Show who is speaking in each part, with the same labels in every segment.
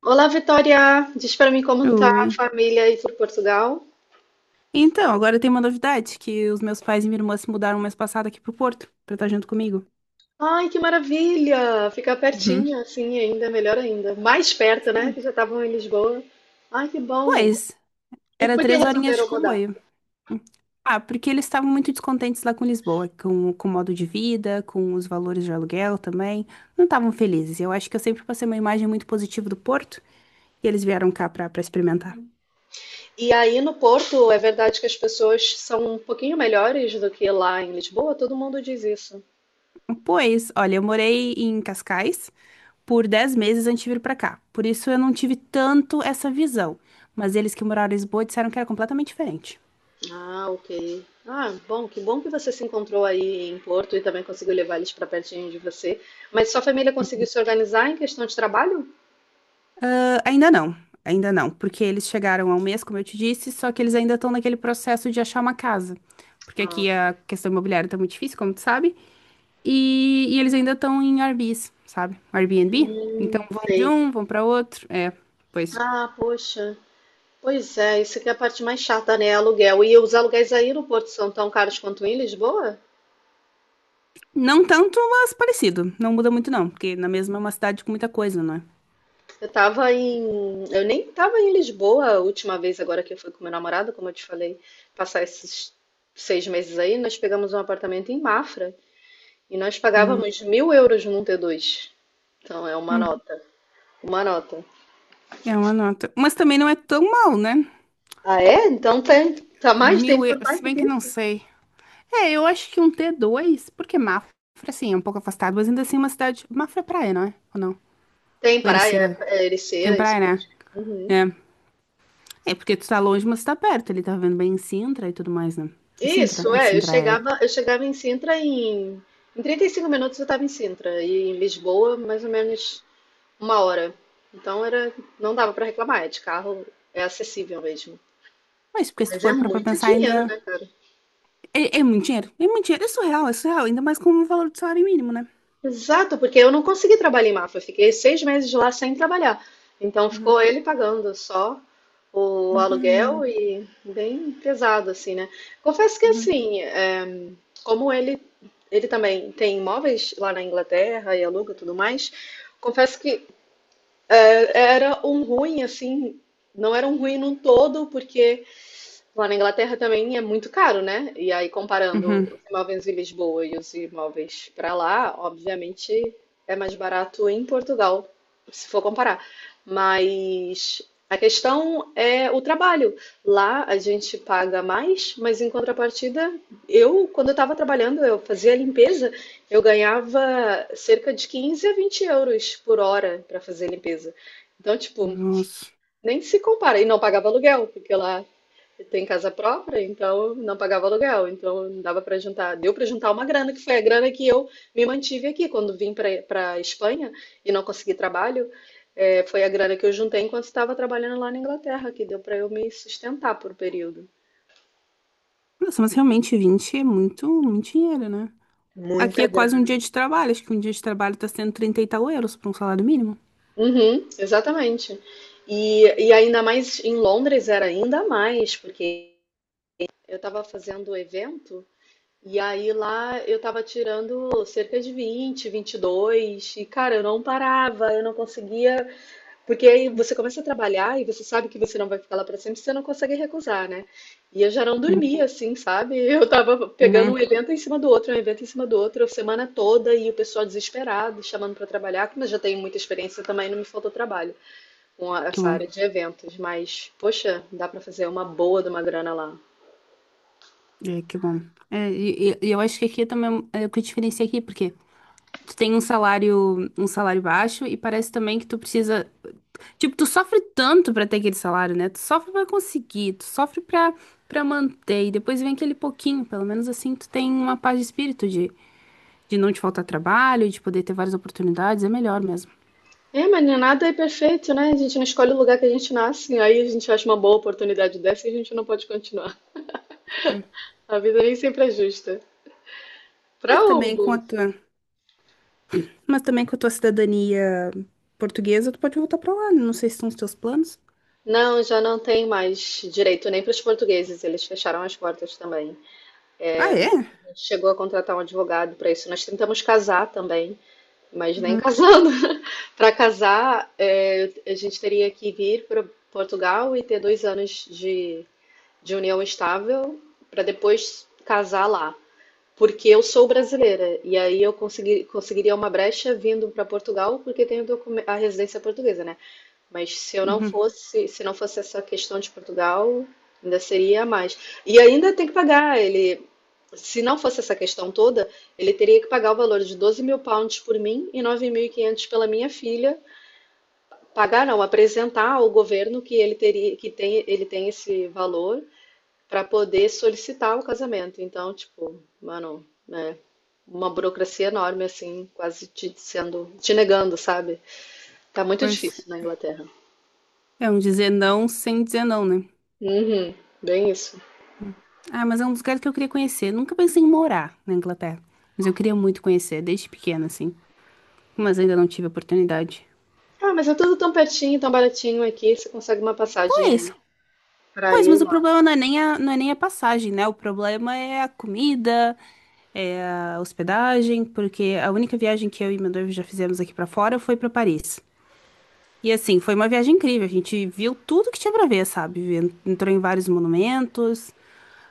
Speaker 1: Olá, Vitória! Diz pra mim como tá
Speaker 2: Oi.
Speaker 1: a família aí por Portugal.
Speaker 2: Então, agora tem uma novidade, que os meus pais e minha irmã se mudaram mês passado aqui pro Porto, pra estar junto comigo.
Speaker 1: Ai, que maravilha! Ficar
Speaker 2: Uhum.
Speaker 1: pertinho, assim, ainda melhor ainda. Mais perto, né?
Speaker 2: Sim.
Speaker 1: Que já estavam em Lisboa. Ai, que bom!
Speaker 2: Pois,
Speaker 1: E
Speaker 2: era
Speaker 1: por que
Speaker 2: 3 horinhas de
Speaker 1: resolveram mudar?
Speaker 2: comboio. Ah, porque eles estavam muito descontentes lá com Lisboa, com o modo de vida, com os valores de aluguel também. Não estavam felizes. Eu acho que eu sempre passei uma imagem muito positiva do Porto, e eles vieram cá pra experimentar.
Speaker 1: E aí no Porto, é verdade que as pessoas são um pouquinho melhores do que lá em Lisboa? Todo mundo diz isso.
Speaker 2: Pois, olha, eu morei em Cascais, por 10 meses antes de vir pra cá. Por isso eu não tive tanto essa visão. Mas eles que moraram em Lisboa disseram que era completamente diferente.
Speaker 1: Ah, ok. Ah, bom que você se encontrou aí em Porto e também conseguiu levar eles pra pertinho de você. Mas sua família conseguiu se organizar em questão de trabalho?
Speaker 2: Ah, ainda não, porque eles chegaram há um mês, como eu te disse, só que eles ainda estão naquele processo de achar uma casa. Porque
Speaker 1: Ah,
Speaker 2: aqui a questão imobiliária tá muito difícil, como tu sabe. E eles ainda estão em Airbnbs, sabe? Airbnb. Então
Speaker 1: hum,
Speaker 2: vão de
Speaker 1: sei.
Speaker 2: um, vão pra outro. É, pois.
Speaker 1: Ah, poxa. Pois é, isso que é a parte mais chata, né? Aluguel. E os aluguéis aí no Porto são tão caros quanto em Lisboa?
Speaker 2: Não tanto, mas parecido. Não muda muito, não, porque na mesma é uma cidade com muita coisa, não é?
Speaker 1: Eu tava em. Eu nem tava em Lisboa a última vez, agora que eu fui com meu namorado, como eu te falei, passar esses 6 meses aí, nós pegamos um apartamento em Mafra e nós
Speaker 2: Hum,
Speaker 1: pagávamos 1.000 euros num T2. Então é uma
Speaker 2: hum.
Speaker 1: nota. Uma nota.
Speaker 2: É uma nota. Mas também não é tão mal, né?
Speaker 1: Ah, é? Então tem. Tá mais, tem
Speaker 2: 1.000 euros,
Speaker 1: por mais
Speaker 2: se
Speaker 1: do
Speaker 2: bem
Speaker 1: que
Speaker 2: que
Speaker 1: isso?
Speaker 2: não sei. É, eu acho que um T2, porque Mafra, assim, é um pouco afastado, mas ainda assim é uma cidade. Mafra é praia, não é? Ou não?
Speaker 1: Tem
Speaker 2: Ou
Speaker 1: praia,
Speaker 2: Ericeira
Speaker 1: é
Speaker 2: tem
Speaker 1: Ericeira,
Speaker 2: praia,
Speaker 1: isso
Speaker 2: né?
Speaker 1: mesmo. Uhum.
Speaker 2: É. É, porque tu tá longe, mas tu tá perto. Ele tá vendo bem em Sintra e tudo mais, né? É Sintra?
Speaker 1: Isso,
Speaker 2: É,
Speaker 1: é, eu
Speaker 2: Sintra é.
Speaker 1: chegava, eu chegava em Sintra em 35 minutos, eu estava em Sintra e em Lisboa mais ou menos uma hora. Então era, não dava para reclamar, é de carro, é acessível mesmo.
Speaker 2: Mas porque se tu
Speaker 1: Mas é
Speaker 2: for pra
Speaker 1: muito
Speaker 2: pensar ainda.
Speaker 1: dinheiro, né, cara?
Speaker 2: É, é muito dinheiro. É muito dinheiro. É surreal, é surreal. Ainda mais com o valor do salário mínimo, né?
Speaker 1: Exato, porque eu não consegui trabalhar em Mafra, eu fiquei 6 meses lá sem trabalhar. Então
Speaker 2: Uhum.
Speaker 1: ficou ele pagando só o aluguel
Speaker 2: Uhum.
Speaker 1: e bem pesado, assim, né? Confesso que
Speaker 2: Uhum.
Speaker 1: assim, é, como ele também tem imóveis lá na Inglaterra e aluga e tudo mais, confesso que era um ruim, assim, não era um ruim num todo, porque. Lá na Inglaterra também é muito caro, né? E aí, comparando
Speaker 2: Uhum.
Speaker 1: os imóveis de Lisboa e os imóveis para lá, obviamente é mais barato em Portugal, se for comparar. Mas a questão é o trabalho. Lá a gente paga mais, mas em contrapartida, quando eu estava trabalhando, eu fazia limpeza, eu ganhava cerca de 15 a 20 euros por hora para fazer limpeza. Então, tipo,
Speaker 2: Nossa.
Speaker 1: nem se compara. E não pagava aluguel, porque lá tem casa própria, então não pagava aluguel, então não dava para juntar. Deu para juntar uma grana, que foi a grana que eu me mantive aqui. Quando vim para a Espanha e não consegui trabalho, foi a grana que eu juntei enquanto estava trabalhando lá na Inglaterra, que deu para eu me sustentar por um período.
Speaker 2: Nossa, mas realmente 20 é muito, muito dinheiro, né? Aqui
Speaker 1: Muita
Speaker 2: é quase um
Speaker 1: grana.
Speaker 2: dia de trabalho. Acho que um dia de trabalho tá sendo 30 e tal euros para um salário mínimo.
Speaker 1: Uhum, exatamente. E ainda mais em Londres era ainda mais, porque eu estava fazendo evento. E aí lá eu tava tirando cerca de vinte, vinte e dois e cara, eu não parava, eu não conseguia, porque aí você começa a trabalhar e você sabe que você não vai ficar lá pra sempre, você não consegue recusar, né? E eu já não
Speaker 2: Uhum.
Speaker 1: dormia assim, sabe? Eu tava pegando
Speaker 2: Uhum.
Speaker 1: um evento em cima do outro, um evento em cima do outro, a semana toda, e o pessoal desesperado, chamando pra trabalhar, mas já tenho muita experiência também, não me faltou trabalho
Speaker 2: Que
Speaker 1: essa
Speaker 2: bom.
Speaker 1: área de eventos, mas poxa, dá pra fazer uma boa de uma grana lá.
Speaker 2: É, que bom. E eu acho que aqui é também é o que diferencia aqui, porque tu tem um salário baixo e parece também que tu precisa, tipo, tu sofre tanto pra ter aquele salário, né? Tu sofre pra conseguir, tu sofre pra para manter e depois vem aquele pouquinho, pelo menos assim tu tem uma paz de espírito de não te faltar trabalho, de poder ter várias oportunidades, é melhor mesmo.
Speaker 1: É, mas nem nada é perfeito, né? A gente não escolhe o lugar que a gente nasce, aí a gente acha uma boa oportunidade dessa e a gente não pode continuar. A vida nem sempre é justa. Pra
Speaker 2: Mas também com a
Speaker 1: Hugo,
Speaker 2: tua, mas também com a tua cidadania portuguesa, tu pode voltar pra lá. Não sei se são os teus planos.
Speaker 1: não, já não tem mais direito nem para os portugueses, eles fecharam as portas também.
Speaker 2: Ah, é?
Speaker 1: A gente chegou a contratar um advogado para isso. Nós tentamos casar também, mas nem
Speaker 2: Uhum,
Speaker 1: casando. Para casar, é, a gente teria que vir para Portugal e ter 2 anos de união estável para depois casar lá. Porque eu sou brasileira, e aí eu conseguiria uma brecha vindo para Portugal, porque tenho a residência portuguesa, né? Mas
Speaker 2: uhum.
Speaker 1: se não fosse essa questão de Portugal, ainda seria a mais. E ainda tem que pagar, ele, se não fosse essa questão toda, ele teria que pagar o valor de 12 mil pounds por mim e 9.500 pela minha filha. Pagar não, apresentar ao governo que ele teria, que tem, ele tem esse valor para poder solicitar o casamento. Então, tipo, mano, né? Uma burocracia enorme, assim, quase te sendo, te negando, sabe? Tá muito
Speaker 2: Pois,
Speaker 1: difícil na Inglaterra.
Speaker 2: é um dizer não sem dizer não, né?
Speaker 1: Uhum, bem isso.
Speaker 2: Ah, mas é um dos lugares que eu queria conhecer. Nunca pensei em morar na Inglaterra. Mas eu queria muito conhecer, desde pequena, assim. Mas ainda não tive oportunidade.
Speaker 1: Ah, mas é tudo tão pertinho, tão baratinho aqui, você consegue uma passagem
Speaker 2: Pois,
Speaker 1: aí pra
Speaker 2: pois, mas
Speaker 1: ir
Speaker 2: o
Speaker 1: lá.
Speaker 2: problema não é nem a passagem, né? O problema é a comida, é a hospedagem, porque a única viagem que eu e meu noivo já fizemos aqui pra fora foi pra Paris. E assim, foi uma viagem incrível. A gente viu tudo que tinha pra ver, sabe? Entrou em vários monumentos.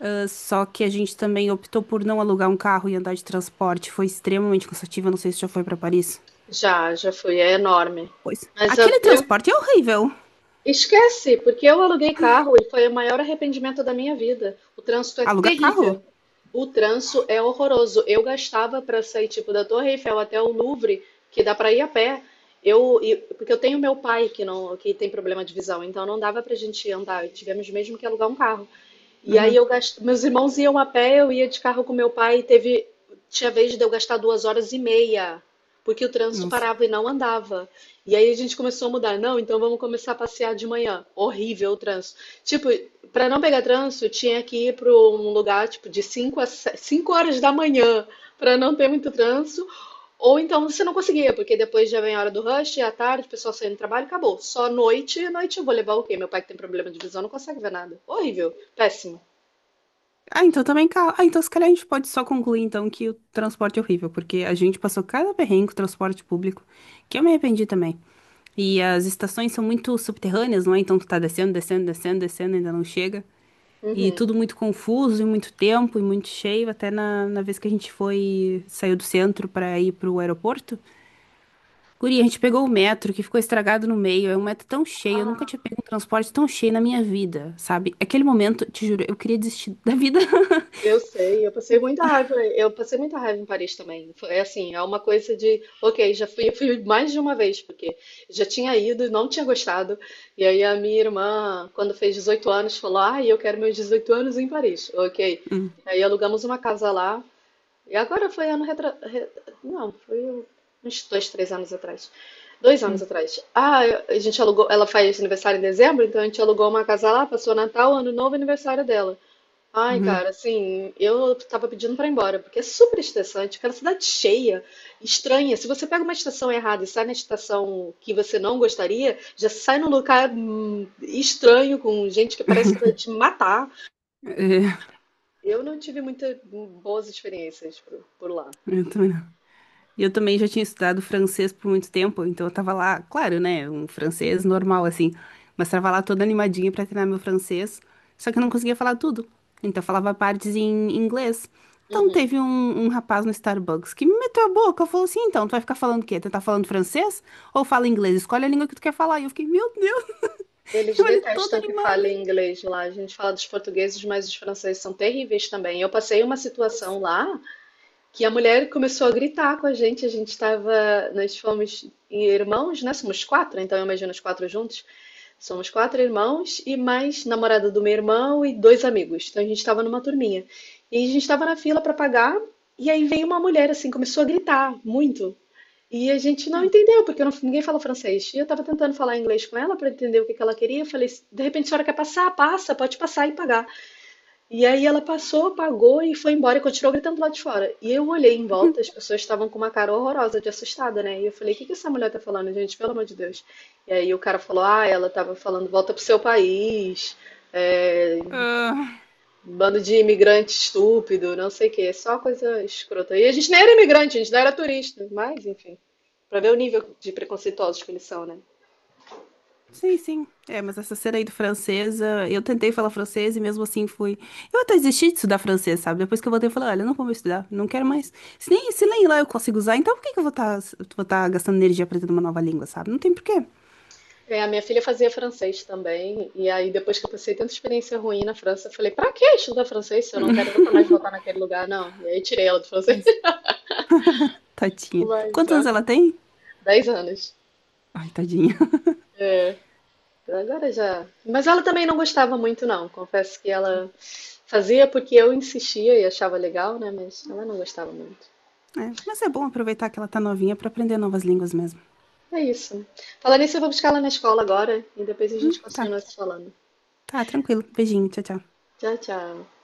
Speaker 2: Ah, só que a gente também optou por não alugar um carro e andar de transporte. Foi extremamente cansativo. Eu não sei se já foi pra Paris.
Speaker 1: Já, já fui, é enorme.
Speaker 2: Pois.
Speaker 1: Mas
Speaker 2: Aquele
Speaker 1: eu
Speaker 2: transporte é horrível.
Speaker 1: Esquece, porque eu aluguei carro e foi o maior arrependimento da minha vida. O trânsito é
Speaker 2: Alugar carro?
Speaker 1: terrível. O trânsito é horroroso. Eu gastava para sair tipo da Torre Eiffel até o Louvre, que dá para ir a pé. Porque eu tenho meu pai que não, que tem problema de visão, então não dava pra gente andar, tivemos mesmo que alugar um carro. E aí
Speaker 2: Uhum.
Speaker 1: eu gastei, meus irmãos iam a pé, eu ia de carro com meu pai e teve, tinha vez de eu gastar 2 horas e meia, porque o trânsito
Speaker 2: Nossa.
Speaker 1: parava e não andava. E aí a gente começou a mudar, não, então vamos começar a passear de manhã. Horrível o trânsito. Tipo, para não pegar trânsito, tinha que ir para um lugar tipo de 5 a 5 horas da manhã, para não ter muito trânsito, ou então você não conseguia, porque depois já vem a hora do rush, à tarde, o pessoal saindo do trabalho, acabou. Só noite, noite eu vou levar o quê? Meu pai que tem problema de visão não consegue ver nada. Horrível, péssimo.
Speaker 2: Ah, então também carro. Ah, então se calhar a gente pode só concluir então que o transporte é horrível, porque a gente passou cada perrengue com o transporte público, que eu me arrependi também. E as estações são muito subterrâneas, não é? Então tu tá descendo, descendo, descendo, descendo, ainda não chega. E
Speaker 1: Uhum.
Speaker 2: tudo muito confuso, e muito tempo, e muito cheio. Até na vez que a gente foi, saiu do centro para ir pro aeroporto. Guri, a gente pegou o metro que ficou estragado no meio. É um metro tão cheio, eu nunca
Speaker 1: Ah,
Speaker 2: tinha pego um transporte tão cheio na minha vida, sabe? Aquele momento, te juro, eu queria desistir da vida.
Speaker 1: eu sei, eu passei muita raiva, eu passei muita raiva em Paris também. Foi é assim, é uma coisa de, ok, já fui, eu fui mais de uma vez, porque já tinha ido e não tinha gostado. E aí a minha irmã, quando fez 18 anos, falou: "Ah, eu quero meus 18 anos em Paris". OK.
Speaker 2: Hum,
Speaker 1: Aí alugamos uma casa lá. E agora foi. Não, foi uns dois, três anos atrás. 2 anos
Speaker 2: hum,
Speaker 1: atrás. Ah, a gente alugou. Ela faz aniversário em dezembro, então a gente alugou uma casa lá, passou Natal, Ano Novo e aniversário dela. Ai,
Speaker 2: hum.
Speaker 1: cara, assim, eu tava pedindo pra ir embora, porque é super estressante, cara, cidade cheia, estranha. Se você pega uma estação errada e sai na estação que você não gostaria, já sai num lugar estranho, com gente que parece que vai te matar.
Speaker 2: É,
Speaker 1: Eu não tive muitas boas experiências por lá.
Speaker 2: eu também. E eu também já tinha estudado francês por muito tempo, então eu tava lá, claro, né, um francês normal assim, mas tava lá toda animadinha pra treinar meu francês, só que eu não conseguia falar tudo. Então eu falava partes em inglês. Então
Speaker 1: Uhum.
Speaker 2: um rapaz no Starbucks que me meteu a boca, falou assim: "Então, tu vai ficar falando o quê? Tu tá falando francês ou fala inglês? Escolhe a língua que tu quer falar". E eu fiquei: "Meu Deus",
Speaker 1: Eles
Speaker 2: eu ali toda
Speaker 1: detestam que
Speaker 2: animada.
Speaker 1: fale inglês lá. A gente fala dos portugueses, mas os franceses são terríveis também. Eu passei uma
Speaker 2: Pois.
Speaker 1: situação lá que a mulher começou a gritar com a gente. A gente estava, nós fomos irmãos, né? Somos quatro, então eu imagino os quatro juntos. Somos quatro irmãos e mais namorada do meu irmão e dois amigos. Então a gente estava numa turminha. E a gente estava na fila para pagar e aí veio uma mulher assim, começou a gritar muito. E a gente não entendeu, porque ninguém fala francês. E eu estava tentando falar inglês com ela para entender o que ela queria. Eu falei, de repente a senhora quer passar? Passa, pode passar e pagar. E aí ela passou, pagou e foi embora e continuou gritando lá de fora. E eu olhei em
Speaker 2: Hum.
Speaker 1: volta, as pessoas estavam com uma cara horrorosa de assustada, né? E eu falei, o que que essa mulher tá falando, gente? Pelo amor de Deus. E aí o cara falou, ah, ela tava falando, volta pro seu país, é,
Speaker 2: Ah,
Speaker 1: bando de imigrante estúpido, não sei o quê, é só coisa escrota. E a gente nem era imigrante, a gente não era turista, mas enfim, pra ver o nível de preconceituosos que eles são, né?
Speaker 2: sim, sim. É, mas essa cena aí do francesa, eu tentei falar francês e mesmo assim fui. Eu até desisti de estudar francês, sabe? Depois que eu voltei, eu falei, olha, não vou mais estudar, não quero mais. Se nem lá eu consigo usar, então por que que eu vou tá gastando energia aprendendo uma nova língua, sabe? Não tem porquê.
Speaker 1: É, a minha filha fazia francês também, e aí depois que eu passei tanta experiência ruim na França, eu falei, pra que estudar francês se eu não quero nunca mais voltar naquele lugar, não? E aí tirei ela do francês,
Speaker 2: Mas,
Speaker 1: não
Speaker 2: tadinha.
Speaker 1: vai
Speaker 2: Quantos anos
Speaker 1: usar.
Speaker 2: ela tem?
Speaker 1: 10 anos.
Speaker 2: Ai, tadinha.
Speaker 1: É, então agora já. Mas ela também não gostava muito, não. Confesso que ela fazia porque eu insistia e achava legal, né? Mas ela não gostava muito.
Speaker 2: É, mas é bom aproveitar que ela tá novinha pra aprender novas línguas mesmo.
Speaker 1: É isso. Falar nisso, eu vou buscar ela na escola agora, e depois a gente
Speaker 2: Tá.
Speaker 1: continua se falando.
Speaker 2: Tá, tranquilo. Beijinho, tchau, tchau.
Speaker 1: Tchau, tchau.